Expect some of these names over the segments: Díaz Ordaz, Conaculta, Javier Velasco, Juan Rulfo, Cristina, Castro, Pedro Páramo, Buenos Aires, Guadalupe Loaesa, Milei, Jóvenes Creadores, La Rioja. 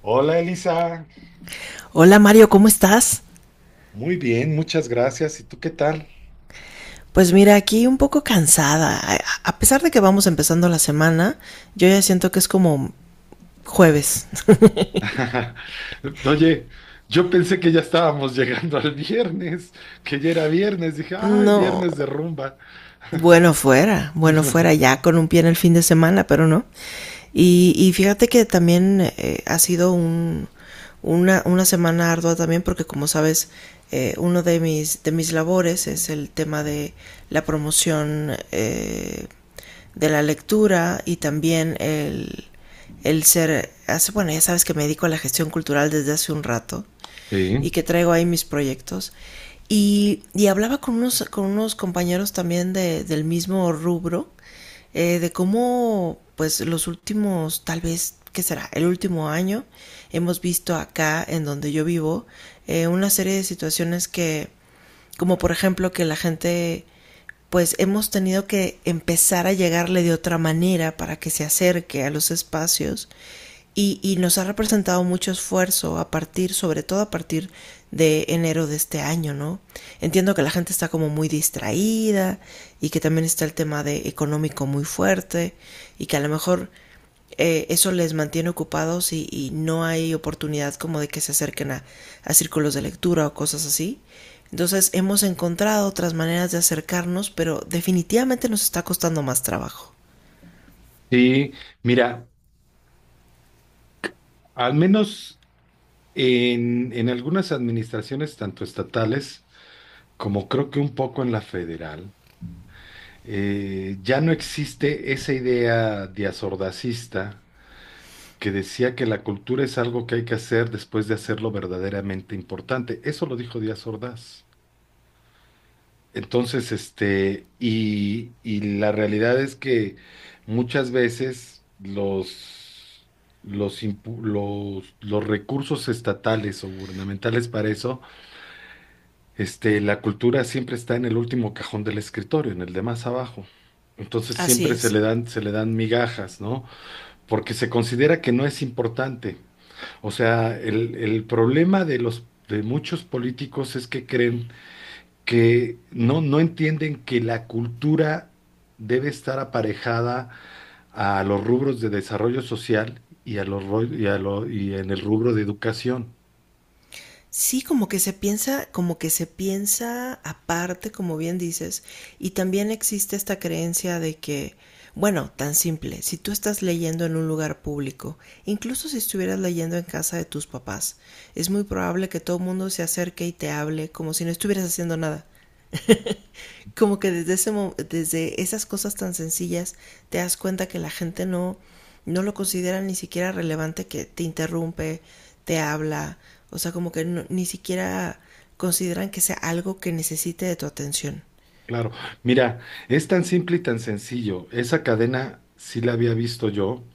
Hola Elisa, Hola Mario, ¿cómo estás? muy bien, muchas gracias. ¿Y tú qué tal? Pues mira, aquí un poco cansada. A pesar de que vamos empezando la semana, yo ya siento que es como jueves. Oye, yo pensé que ya estábamos llegando al viernes, que ya era viernes. Dije, ay, No, viernes de rumba. bueno fuera, bueno fuera, ya con un pie en el fin de semana, pero no. Y fíjate que también ha sido una semana ardua también porque como sabes, uno de mis labores es el tema de la promoción de la lectura y también bueno, ya sabes que me dedico a la gestión cultural desde hace un rato y Sí, que traigo ahí mis proyectos. Y hablaba con unos compañeros también del mismo rubro, de cómo, pues, los últimos, tal vez, ¿qué será? El último año, hemos visto acá, en donde yo vivo, una serie de situaciones que, como por ejemplo que la gente pues hemos tenido que empezar a llegarle de otra manera para que se acerque a los espacios y nos ha representado mucho esfuerzo a partir, sobre todo a partir de enero de este año, ¿no? Entiendo que la gente está como muy distraída y que también está el tema de económico muy fuerte y que a lo mejor eso les mantiene ocupados y no hay oportunidad como de que se acerquen a círculos de lectura o cosas así. Entonces hemos encontrado otras maneras de acercarnos, pero definitivamente nos está costando más trabajo. sí, mira, al menos en algunas administraciones, tanto estatales como creo que un poco en la federal, ya no existe esa idea de asordacista que decía que la cultura es algo que hay que hacer después de hacerlo verdaderamente importante. Eso lo dijo Díaz Ordaz. Entonces, este, y la realidad es que muchas veces los recursos estatales o gubernamentales para eso, este, la cultura siempre está en el último cajón del escritorio, en el de más abajo. Entonces Así siempre es. Se le dan migajas, ¿no? Porque se considera que no es importante. O sea, el problema de los de muchos políticos es que creen que no, no entienden que la cultura debe estar aparejada a los rubros de desarrollo social y a los ro- y a lo- y en el rubro de educación. Sí, como que se piensa, como que se piensa aparte, como bien dices, y también existe esta creencia de que, bueno, tan simple, si tú estás leyendo en un lugar público, incluso si estuvieras leyendo en casa de tus papás, es muy probable que todo el mundo se acerque y te hable como si no estuvieras haciendo nada. Como que desde esas cosas tan sencillas te das cuenta que la gente no lo considera ni siquiera relevante que te interrumpe, te habla, o sea, como que no, ni siquiera consideran que sea algo que necesite de tu atención. Claro, mira, es tan simple y tan sencillo. Esa cadena sí la había visto yo.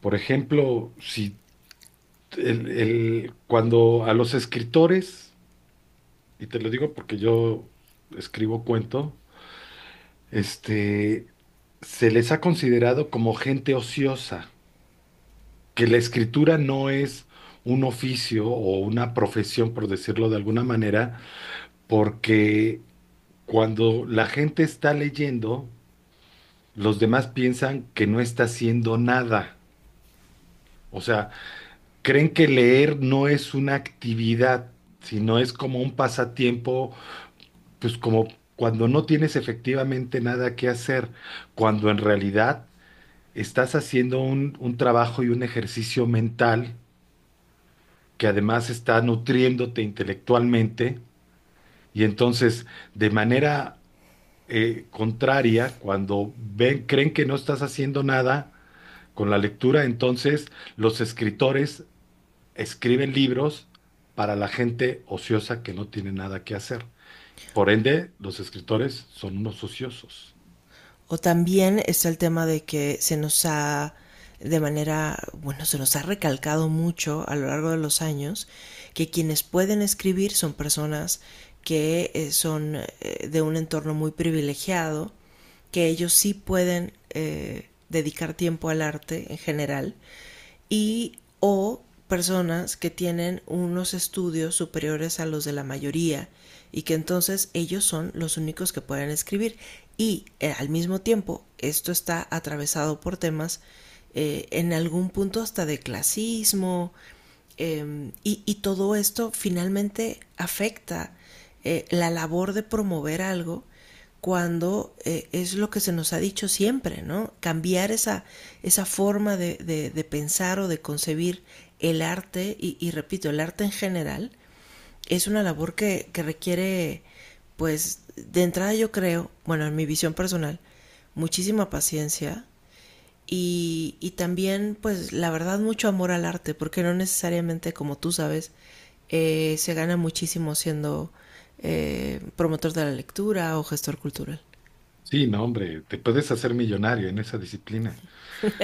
Por ejemplo, si cuando a los escritores, y te lo digo porque yo escribo cuento, este, se les ha considerado como gente ociosa, que la escritura no es un oficio o una profesión, por decirlo de alguna manera, porque cuando la gente está leyendo, los demás piensan que no está haciendo nada. O sea, creen que leer no es una actividad, sino es como un pasatiempo, pues como cuando no tienes efectivamente nada que hacer, cuando en realidad estás haciendo un trabajo y un ejercicio mental que además está nutriéndote intelectualmente y entonces de manera contraria, cuando ven, creen que no estás haciendo nada con la lectura, entonces los escritores escriben libros para la gente ociosa que no tiene nada que hacer. Por ende, los escritores son unos ociosos. O también está el tema de que se nos ha recalcado mucho a lo largo de los años que quienes pueden escribir son personas que son de un entorno muy privilegiado que ellos sí pueden dedicar tiempo al arte en general y o personas que tienen unos estudios superiores a los de la mayoría y que entonces ellos son los únicos que pueden escribir y al mismo tiempo esto está atravesado por temas en algún punto hasta de clasismo, y todo esto finalmente afecta la labor de promover algo cuando es lo que se nos ha dicho siempre, ¿no? Cambiar esa forma de pensar o de concebir el arte, repito, el arte en general, es una labor que requiere, pues, de entrada yo creo, bueno, en mi visión personal, muchísima paciencia, y también, pues, la verdad, mucho amor al arte, porque no necesariamente, como tú sabes, se gana muchísimo siendo promotor de la lectura o gestor cultural. Sí, no, hombre, te puedes hacer millonario en esa disciplina.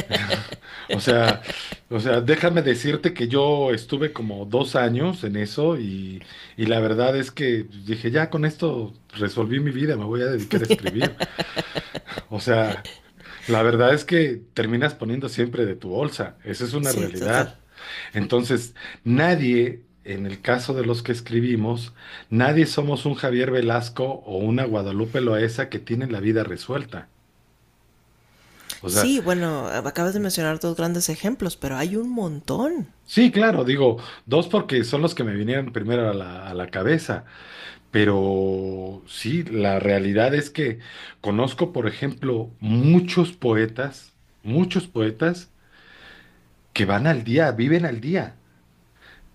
O sea, Déjame decirte que yo estuve como dos años en eso y la verdad es que dije, ya con esto resolví mi vida, me voy a dedicar a escribir. O sea, la verdad es que terminas poniendo siempre de tu bolsa, esa es una Sí, total. realidad. Entonces, nadie, en el caso de los que escribimos, nadie somos un Javier Velasco o una Guadalupe Loaesa que tienen la vida resuelta. O sea, Sí, bueno, acabas de mencionar dos grandes ejemplos, pero hay un montón. sí, claro, digo, dos porque son los que me vinieron primero a la cabeza, pero sí, la realidad es que conozco, por ejemplo, muchos poetas que van al día, viven al día.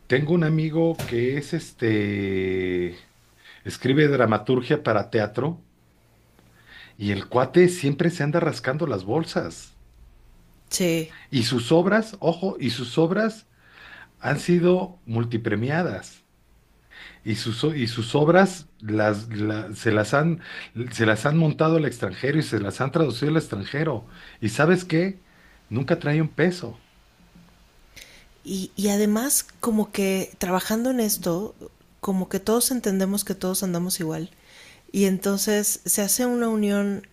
Tengo un amigo que es este, escribe dramaturgia para teatro y el cuate siempre se anda rascando las bolsas. Sí. Y sus obras, ojo, y sus obras han sido multipremiadas. Y sus, se las han montado al extranjero y se las han traducido al extranjero. ¿Y sabes qué? Nunca trae un peso. Y además, como que trabajando en esto, como que todos entendemos que todos andamos igual. Y entonces se hace una unión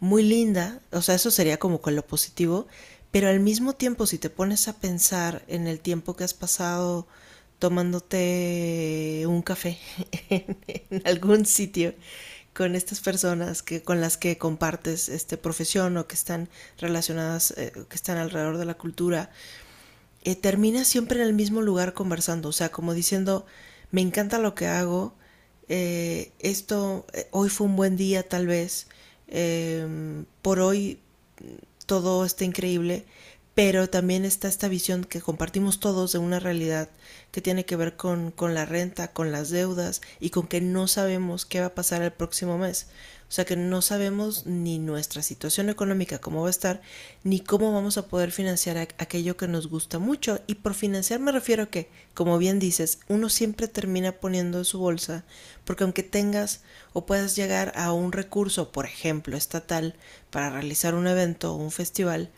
muy linda, o sea, eso sería como con lo positivo, pero al mismo tiempo si te pones a pensar en el tiempo que has pasado tomándote un café en algún sitio con estas personas que con las que compartes este profesión o que están relacionadas que están alrededor de la cultura termina siempre en el mismo lugar conversando, o sea, como diciendo, me encanta lo que hago, hoy fue un buen día tal vez, por hoy todo está increíble, pero también está esta visión que compartimos todos de una realidad que tiene que ver con la renta, con las deudas y con que no sabemos qué va a pasar el próximo mes. O sea que no sabemos ni nuestra situación económica cómo va a estar, ni cómo vamos a poder financiar aquello que nos gusta mucho. Y por financiar me refiero a que, como bien dices, uno siempre termina poniendo en su bolsa, porque aunque tengas o puedas llegar a un recurso, por ejemplo, estatal, para realizar un evento o un festival,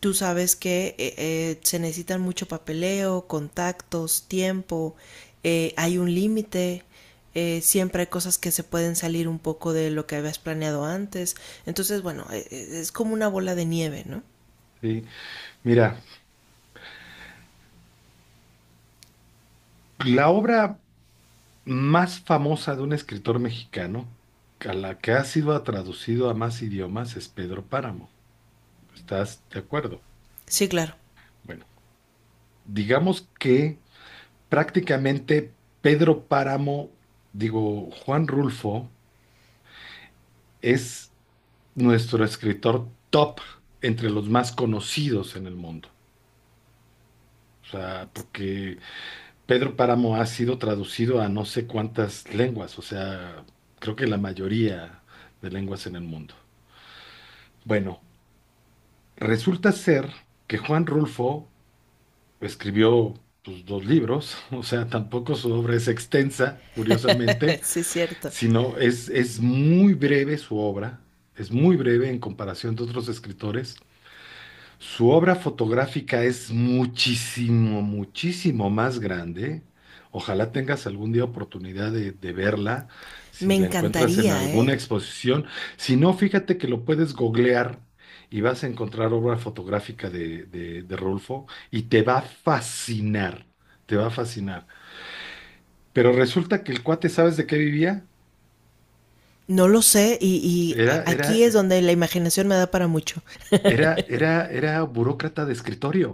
tú sabes que se necesitan mucho papeleo, contactos, tiempo, hay un límite, siempre hay cosas que se pueden salir un poco de lo que habías planeado antes. Entonces, bueno, es como una bola de nieve, ¿no? ¿Sí? Mira, la obra más famosa de un escritor mexicano, a la que ha sido traducido a más idiomas, es Pedro Páramo. ¿Estás de acuerdo? Sí, claro. Bueno, digamos que prácticamente Pedro Páramo, digo, Juan Rulfo, es nuestro escritor top entre los más conocidos en el mundo. O sea, porque Pedro Páramo ha sido traducido a no sé cuántas lenguas, o sea, creo que la mayoría de lenguas en el mundo. Bueno, resulta ser que Juan Rulfo escribió pues, dos libros, o sea, tampoco su obra es extensa, curiosamente, Sí, es cierto. sino es muy breve su obra, es muy breve en comparación de otros escritores. Su obra fotográfica es muchísimo, muchísimo más grande. Ojalá tengas algún día oportunidad de verla, si Me la encuentras en encantaría, alguna ¿eh? exposición. Si no, fíjate que lo puedes googlear y vas a encontrar obra fotográfica de Rulfo y te va a fascinar, te va a fascinar. Pero resulta que el cuate, ¿sabes de qué vivía? No lo sé y Era, era, aquí es donde la imaginación me da para mucho. Era burócrata de escritorio.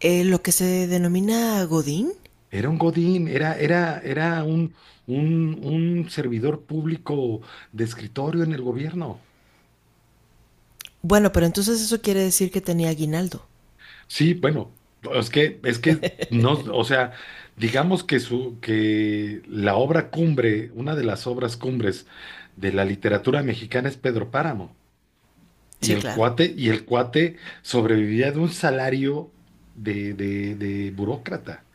Lo que se denomina Godín. Era un godín, era un servidor público de escritorio en el gobierno. Bueno, pero entonces eso quiere decir que tenía aguinaldo. Sí, bueno, es que no, o sea, digamos que su, que la obra cumbre, una de las obras cumbres de la literatura mexicana es Pedro Páramo. Y Sí, el claro. cuate, y el cuate sobrevivía de un salario de burócrata.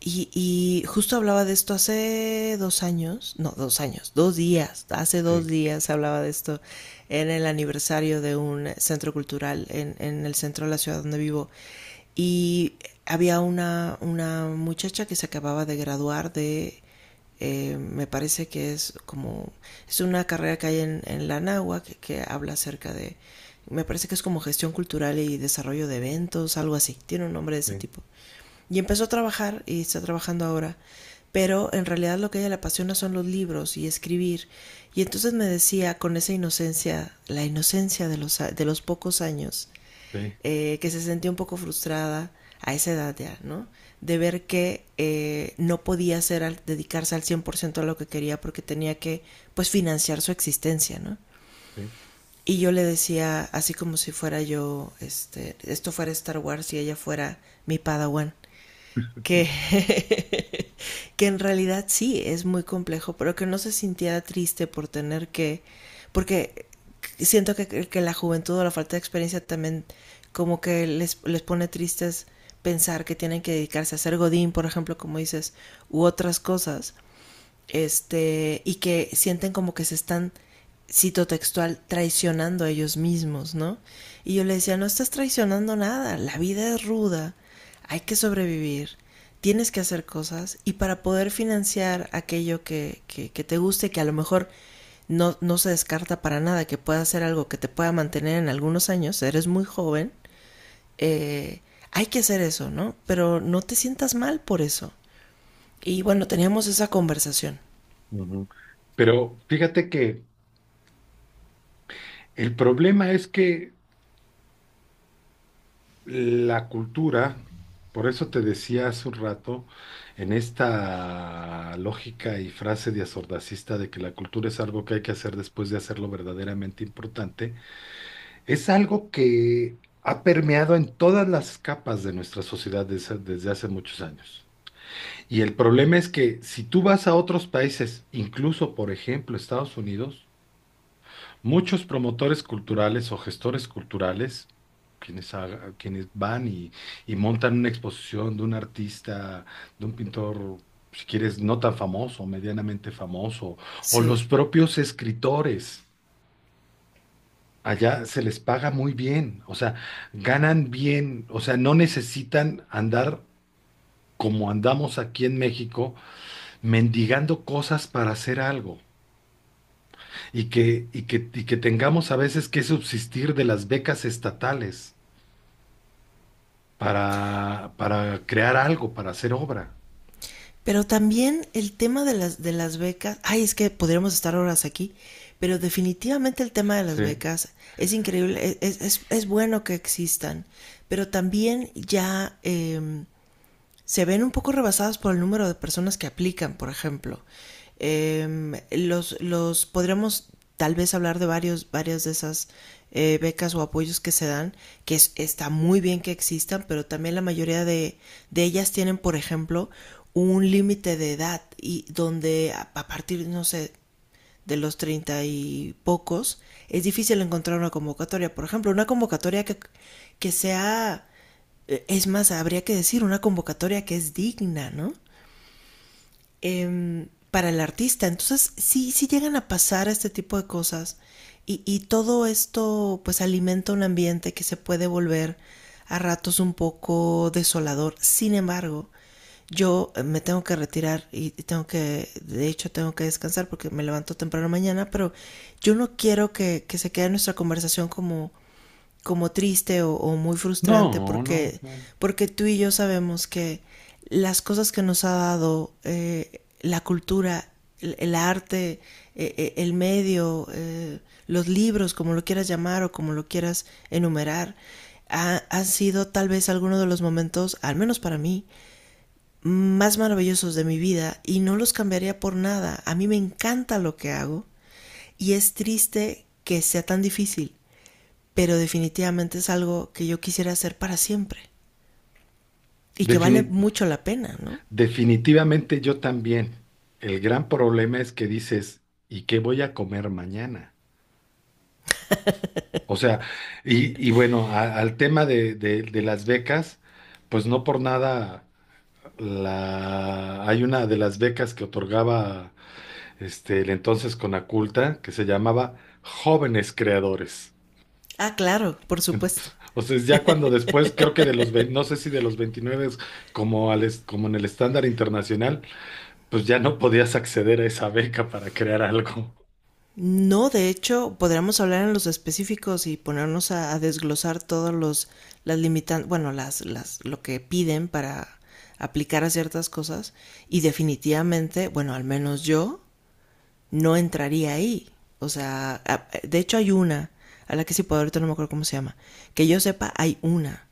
Y justo hablaba de esto hace 2 años, no, 2 años, 2 días, hace dos Sí, días hablaba de esto en el aniversario de un centro cultural en el centro de la ciudad donde vivo. Y había una muchacha que se acababa de graduar me parece que es como, es una carrera que hay en la Nahua que habla acerca de, me parece que es como gestión cultural y desarrollo de eventos, algo así, tiene un nombre de ese sí, tipo. Y empezó a trabajar y está trabajando ahora, pero en realidad lo que a ella le apasiona son los libros y escribir. Y entonces me decía con esa inocencia, la inocencia de los pocos años, sí, que se sentía un poco frustrada a esa edad ya, ¿no? De ver que no podía dedicarse al 100% a lo que quería porque tenía que, pues, financiar su existencia, ¿no? sí. Y yo le decía, así como si fuera yo, este, esto fuera Star Wars y ella fuera mi Padawan, que, que en realidad sí es muy complejo, pero que no se sintiera triste por tener que, porque siento que, la juventud o la falta de experiencia también como que les pone tristes pensar que tienen que dedicarse a ser godín, por ejemplo, como dices, u otras cosas, este, y que sienten como que se están, cito textual, traicionando a ellos mismos, ¿no? Y yo le decía, no estás traicionando nada, la vida es ruda, hay que sobrevivir, tienes que hacer cosas y para poder financiar aquello que te guste, que a lo mejor no, no se descarta para nada, que pueda ser algo que te pueda mantener en algunos años, eres muy joven, eh, hay que hacer eso, ¿no? Pero no te sientas mal por eso. Y bueno, teníamos esa conversación. Ujú. Pero fíjate que el problema es que la cultura, por eso te decía hace un rato, en esta lógica y frase de asordacista de que la cultura es algo que hay que hacer después de hacerlo verdaderamente importante, es algo que ha permeado en todas las capas de nuestra sociedad desde hace muchos años. Y el problema es que si tú vas a otros países, incluso por ejemplo Estados Unidos, muchos promotores culturales o gestores culturales, quienes van y montan una exposición de un artista, de un pintor, si quieres, no tan famoso, medianamente famoso, o los Sí. propios escritores, allá se les paga muy bien, o sea, ganan bien, o sea, no necesitan andar como andamos aquí en México, mendigando cosas para hacer algo y que tengamos a veces que subsistir de las becas estatales, para crear algo, para hacer obra. Pero también el tema de las becas, ay, es que podríamos estar horas aquí, pero definitivamente el tema de las Sí. becas es increíble, es bueno que existan, pero también ya se ven un poco rebasadas por el número de personas que aplican, por ejemplo. Los podríamos tal vez hablar de varias de esas becas o apoyos que se dan, que es, está muy bien que existan, pero también la mayoría de ellas tienen, por ejemplo, un límite de edad y donde a partir, no sé, de los treinta y pocos, es difícil encontrar una convocatoria. Por ejemplo, una convocatoria que sea es más, habría que decir una convocatoria que es digna, ¿no? Para el artista. Entonces, sí, sí llegan a pasar este tipo de cosas y todo esto pues alimenta un ambiente que se puede volver a ratos un poco desolador. Sin embargo, yo me tengo que retirar y de hecho, tengo que descansar porque me levanto temprano mañana, pero yo no quiero que se quede nuestra conversación como triste o muy frustrante No, no, porque, no. porque tú y yo sabemos que las cosas que nos ha dado la cultura, el arte, el medio, los libros, como lo quieras llamar o como lo quieras enumerar, han sido tal vez algunos de los momentos, al menos para mí, más maravillosos de mi vida y no los cambiaría por nada. A mí me encanta lo que hago y es triste que sea tan difícil pero definitivamente es algo que yo quisiera hacer para siempre y que vale Defini- mucho la pena, ¿no? Definitivamente yo también. El gran problema es que dices, ¿y qué voy a comer mañana? O sea, y bueno, al tema de las becas, pues no por nada la, hay una de las becas que otorgaba este, el entonces Conaculta que se llamaba Jóvenes Creadores. Ah, claro, por supuesto. O sea, es ya cuando después, creo que de los, no sé si de los 29, como, como en el estándar internacional, pues ya no podías acceder a esa beca para crear algo. No, de hecho, podríamos hablar en los específicos y ponernos a desglosar todos los las limitan, bueno, las lo que piden para aplicar a ciertas cosas y definitivamente, bueno, al menos yo no entraría ahí. O sea, de hecho hay una, a la que sí puedo, ahorita no me acuerdo cómo se llama. Que yo sepa, hay una.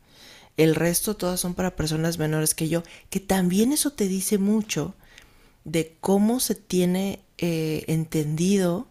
El resto todas son para personas menores que yo, que también eso te dice mucho de cómo se tiene entendido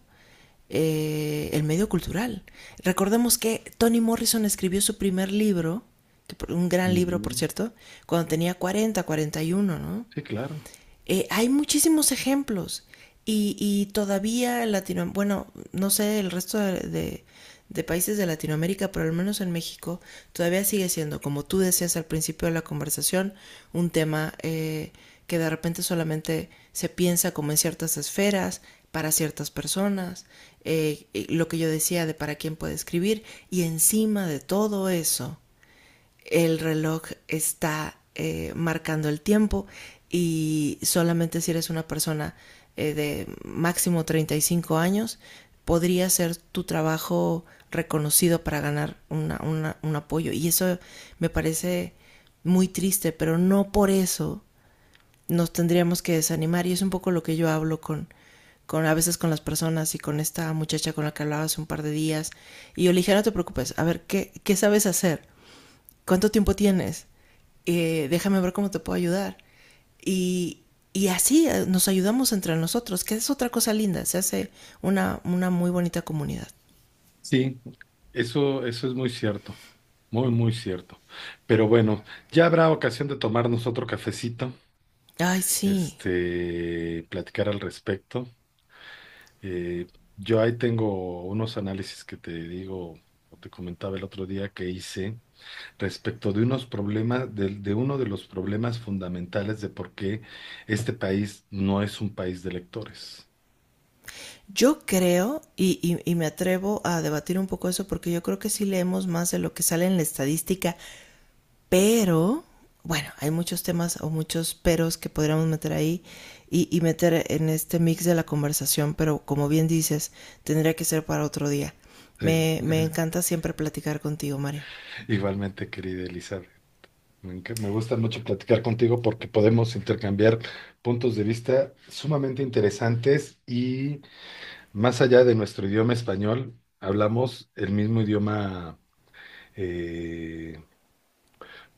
el medio cultural. Recordemos que Toni Morrison escribió su primer libro, que un gran libro por Ujú. cierto, cuando tenía 40, 41, ¿no? Sí, claro. Hay muchísimos ejemplos y todavía en Latinoamérica, bueno, no sé el resto de países de Latinoamérica, pero al menos en México todavía sigue siendo, como tú decías al principio de la conversación, un tema que de repente solamente se piensa como en ciertas esferas, para ciertas personas, lo que yo decía de para quién puede escribir, y encima de todo eso el reloj está marcando el tiempo y solamente si eres una persona de máximo 35 años, podría ser tu trabajo reconocido para ganar un apoyo. Y eso me parece muy triste, pero no por eso nos tendríamos que desanimar. Y es un poco lo que yo hablo con a veces con las personas y con esta muchacha con la que hablaba hace un par de días. Y yo le dije, no te preocupes, a ver, ¿qué sabes hacer? ¿Cuánto tiempo tienes? Déjame ver cómo te puedo ayudar. Y, y así nos ayudamos entre nosotros, que es otra cosa linda, se hace una muy bonita comunidad. Sí, eso es muy cierto. Muy, muy cierto. Pero bueno, ya habrá ocasión de tomarnos otro cafecito, Ay, sí. este, platicar al respecto. Eh, yo ahí tengo unos análisis que te digo, o te comentaba el otro día que hice, respecto de unos problemas, de uno de los problemas fundamentales de por qué este país no es un país de lectores. Yo creo, y me atrevo a debatir un poco eso, porque yo creo que sí leemos más de lo que sale en la estadística. Pero, bueno, hay muchos temas o muchos peros que podríamos meter ahí y meter en este mix de la conversación, pero como bien dices, tendría que ser para otro día. Sí. Me encanta siempre platicar contigo, Mario. Igualmente, querida Elizabeth. Me gusta mucho platicar contigo porque podemos intercambiar puntos de vista sumamente interesantes y más allá de nuestro idioma español, hablamos el mismo idioma eh,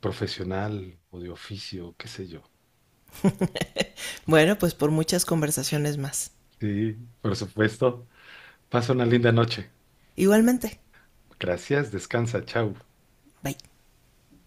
profesional o de oficio, qué sé yo. Bueno, pues por muchas conversaciones más. Sí, por supuesto. Pasa una linda noche. Igualmente. Gracias, descansa, chao. Bye.